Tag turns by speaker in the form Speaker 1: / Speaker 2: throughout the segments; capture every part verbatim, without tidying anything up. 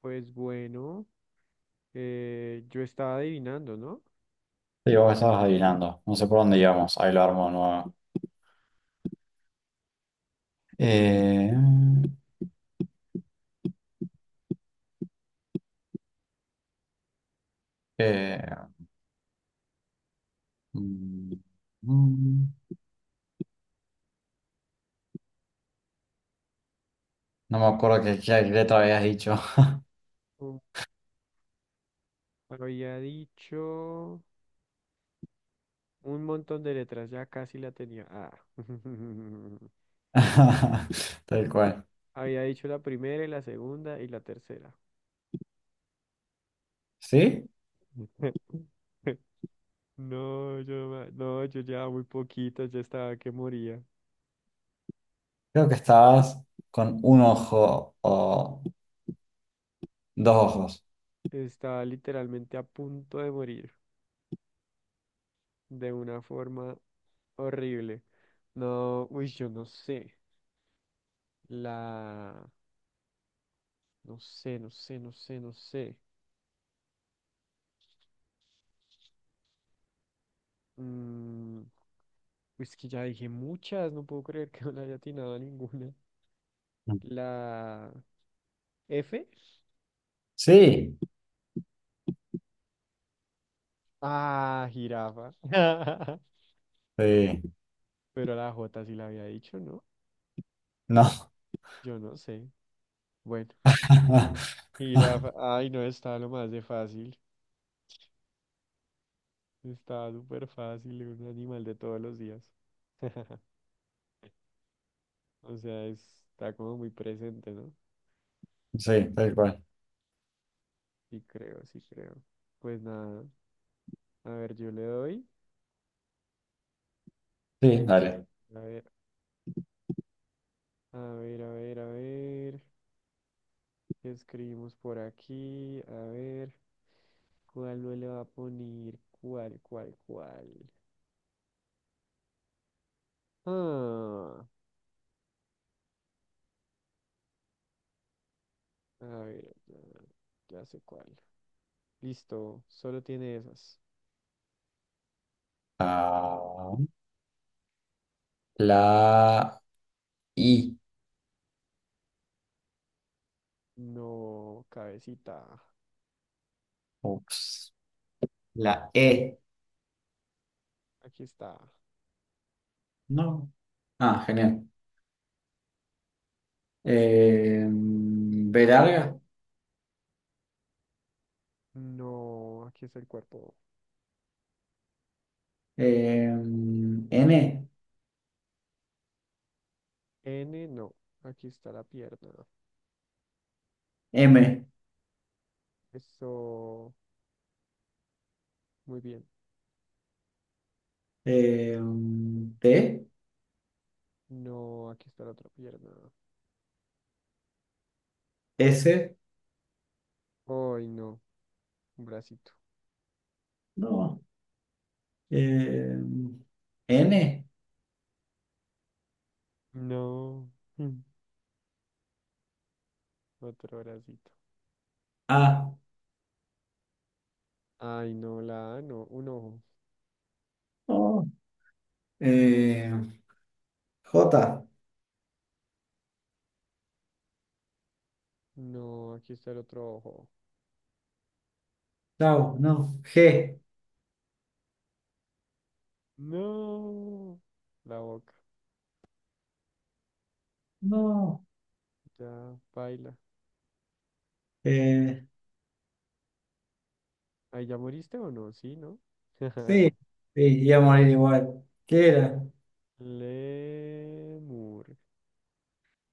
Speaker 1: Pues bueno, eh, yo estaba adivinando, ¿no?
Speaker 2: Sí, vos estabas adivinando. No sé por dónde íbamos. Ahí lo armo nuevo. Eh, eh, mm, mm, no me acuerdo qué, qué letra habías dicho.
Speaker 1: Um, Había dicho un montón de letras, ya casi la tenía. Ah.
Speaker 2: Tal cual.
Speaker 1: Había dicho la primera y la segunda y la tercera.
Speaker 2: ¿Sí?
Speaker 1: No, yo, no no, yo ya muy poquito, ya estaba que moría.
Speaker 2: Creo que estabas con un ojo o dos ojos.
Speaker 1: Estaba literalmente a punto de morir de una forma horrible. No, uy, yo no sé. La, no sé, no sé, no sé, no sé. Mm, pues que ya dije muchas, no puedo creer que no le haya atinado a ninguna. La F.
Speaker 2: Sí,
Speaker 1: Ah, jirafa.
Speaker 2: sí.
Speaker 1: Pero la J sí la había dicho, ¿no?
Speaker 2: No.
Speaker 1: Yo no sé. Bueno, jirafa. Ay, no, estaba lo más de fácil. Estaba súper fácil, un animal de todos los días. O sea, es- está como muy presente, ¿no?
Speaker 2: Sí, tal cual.
Speaker 1: Sí creo, sí creo. Pues nada, a ver, yo le doy.
Speaker 2: Sí, dale.
Speaker 1: A ver, a ver, a ver, a ver. ¿Escribimos por aquí? A ver, ¿cuál no le va a poner? ¿Cuál, cuál, cuál? Ah, a ver, ah, ya sé cuál. Listo, solo tiene esas.
Speaker 2: Ah, la I.
Speaker 1: No, cabecita.
Speaker 2: Ups. La E.
Speaker 1: Aquí está.
Speaker 2: No. Ah, genial. eh, B larga,
Speaker 1: No, aquí está el cuerpo.
Speaker 2: eh, N,
Speaker 1: N, no. Aquí está la pierna.
Speaker 2: M,
Speaker 1: Eso, muy bien.
Speaker 2: eh, T,
Speaker 1: No, aquí está la otra pierna.
Speaker 2: S,
Speaker 1: Ay, no, un bracito.
Speaker 2: no, eh, N,
Speaker 1: No, otro bracito.
Speaker 2: A,
Speaker 1: Ay, no, la A, no, un ojo.
Speaker 2: no, eh, J,
Speaker 1: No, aquí está el otro ojo.
Speaker 2: chao, no, G,
Speaker 1: No, la boca.
Speaker 2: no,
Speaker 1: Ya, baila.
Speaker 2: eh,
Speaker 1: Ay, ¿ya moriste o no? Sí, ¿no?
Speaker 2: sí, sí, iba a morir igual. ¿Qué era?
Speaker 1: Lemur.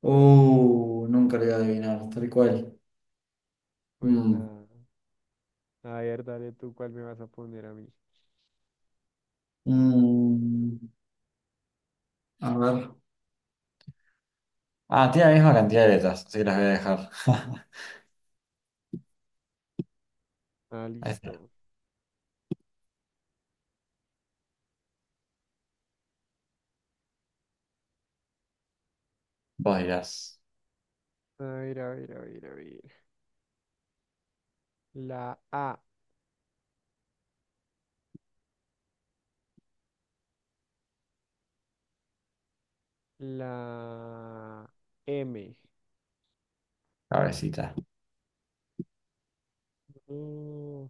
Speaker 2: Uh, nunca lo iba a adivinar, tal cual.
Speaker 1: Pues
Speaker 2: Mm,
Speaker 1: nada. A ver, dale tú cuál me vas a poner a mí.
Speaker 2: mm, a ver. Ah, tiene la misma cantidad de letras, así que las voy a dejar.
Speaker 1: Ah,
Speaker 2: Ahí está.
Speaker 1: listo.
Speaker 2: Vos dirás,
Speaker 1: A ver, a ver, a ver, a ver. La A, la M,
Speaker 2: cabecita,
Speaker 1: Mm,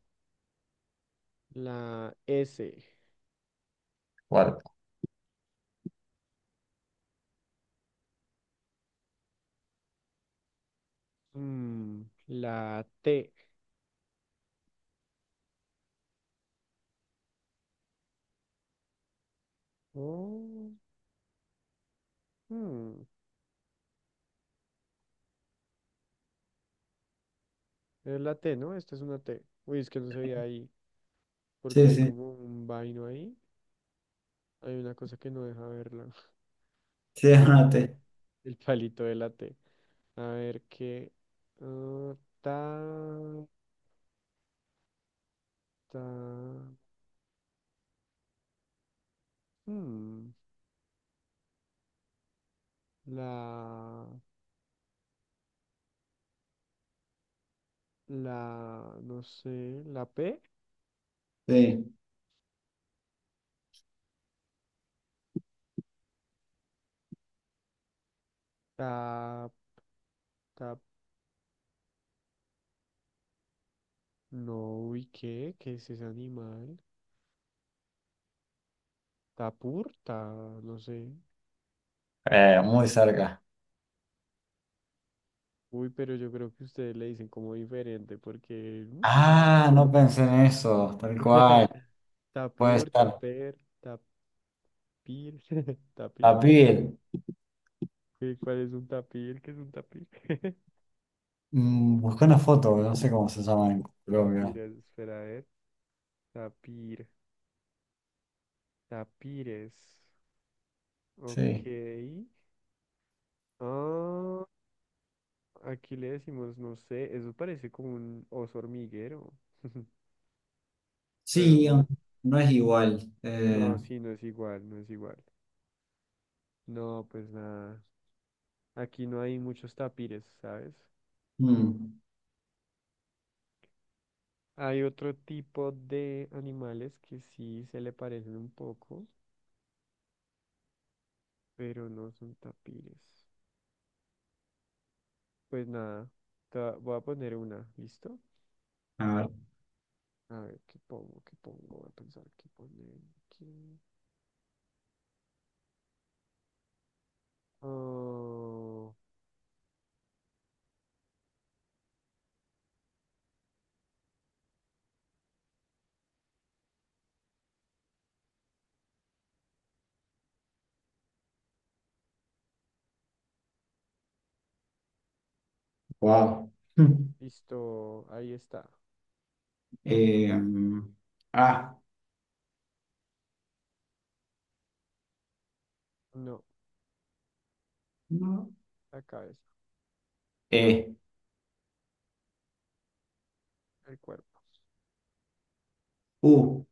Speaker 1: la S,
Speaker 2: cuerpo.
Speaker 1: Mm, la T. Oh, mm. Es la T, ¿no? Esta es una T. Uy, es que no se veía ahí, porque
Speaker 2: Sí,
Speaker 1: hay
Speaker 2: sí,
Speaker 1: como un vaino ahí. Hay una cosa que no deja verla.
Speaker 2: sí,
Speaker 1: La, el,
Speaker 2: anoté.
Speaker 1: el palito de la T. A ver qué. ah, ta, ta. hmm, la, la, no sé, la P.
Speaker 2: Sí.
Speaker 1: Ta, ta, no, uy, ¿qué? ¿Qué es ese animal? Tapur, ta, no sé.
Speaker 2: Eh, muy cerca.
Speaker 1: Uy, pero yo creo que ustedes le dicen como diferente, porque... mm, yo no sé.
Speaker 2: Ah, no pensé en eso, tal cual. Puede
Speaker 1: Tapur,
Speaker 2: ser.
Speaker 1: taper, tapir, tapir.
Speaker 2: La piel.
Speaker 1: ¿Qué- ¿Cuál es un tapir? ¿Qué es un tapir?
Speaker 2: Mm, busqué una foto, no sé cómo se llama en Colombia.
Speaker 1: Tapires, espera a ver. Tapir, tapires. Ok.
Speaker 2: Sí.
Speaker 1: Ah, aquí le decimos, no sé, eso parece como un oso hormiguero, pero
Speaker 2: Sí, um,
Speaker 1: no,
Speaker 2: no es igual. Eh,
Speaker 1: no, sí, no es igual, no es igual. No, pues nada. Aquí no hay muchos tapires, ¿sabes?
Speaker 2: mm,
Speaker 1: Hay otro tipo de animales que sí se le parecen un poco, pero no son tapires. Pues nada, ta- voy a poner una, ¿listo?
Speaker 2: a ver.
Speaker 1: A ver, ¿qué pongo? ¿Qué pongo? Voy a pensar qué poner aquí. Oh,
Speaker 2: Wow.
Speaker 1: listo, ahí está.
Speaker 2: ah,
Speaker 1: No,
Speaker 2: no.
Speaker 1: la cabeza,
Speaker 2: E,
Speaker 1: el cuerpo.
Speaker 2: U,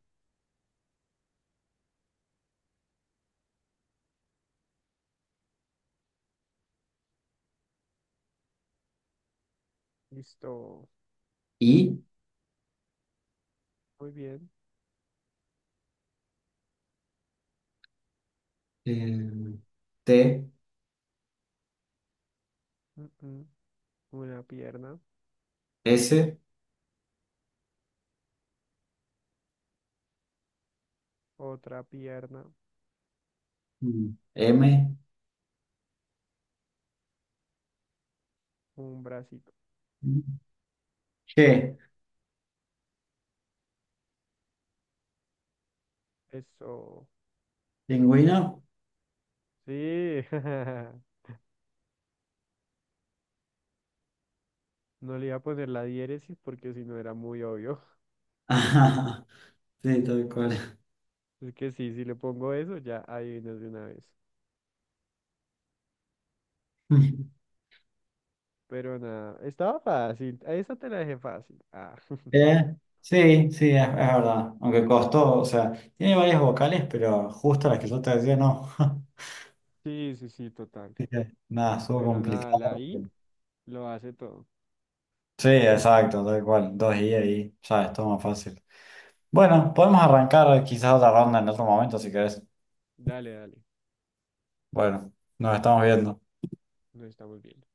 Speaker 1: Listo,
Speaker 2: I.
Speaker 1: muy bien.
Speaker 2: eh, T,
Speaker 1: Mm, mm. Una pierna,
Speaker 2: S,
Speaker 1: otra pierna,
Speaker 2: mm, M,
Speaker 1: un bracito.
Speaker 2: mm, G.
Speaker 1: Eso.
Speaker 2: ¿Pingüino?
Speaker 1: Sí, no le iba a poner la diéresis porque si no era muy obvio.
Speaker 2: Ajá, sí, tal cual.
Speaker 1: Es que sí, si le pongo eso, ya adivinas de una vez. Pero nada, estaba fácil. A esa te la dejé fácil. Ah,
Speaker 2: Eh, sí, sí, es, es verdad. Aunque costó, o sea, tiene varias vocales, pero justo las que yo te decía, no.
Speaker 1: sí, sí, sí, total.
Speaker 2: Así que, Nada, estuvo
Speaker 1: Pero nada, la
Speaker 2: complicado.
Speaker 1: I lo hace todo.
Speaker 2: Sí, exacto, tal cual. Dos I ahí, ya es todo más fácil. Bueno, podemos arrancar quizás otra ronda en otro momento si querés.
Speaker 1: Dale, dale.
Speaker 2: Bueno, nos estamos viendo.
Speaker 1: Nos estamos viendo.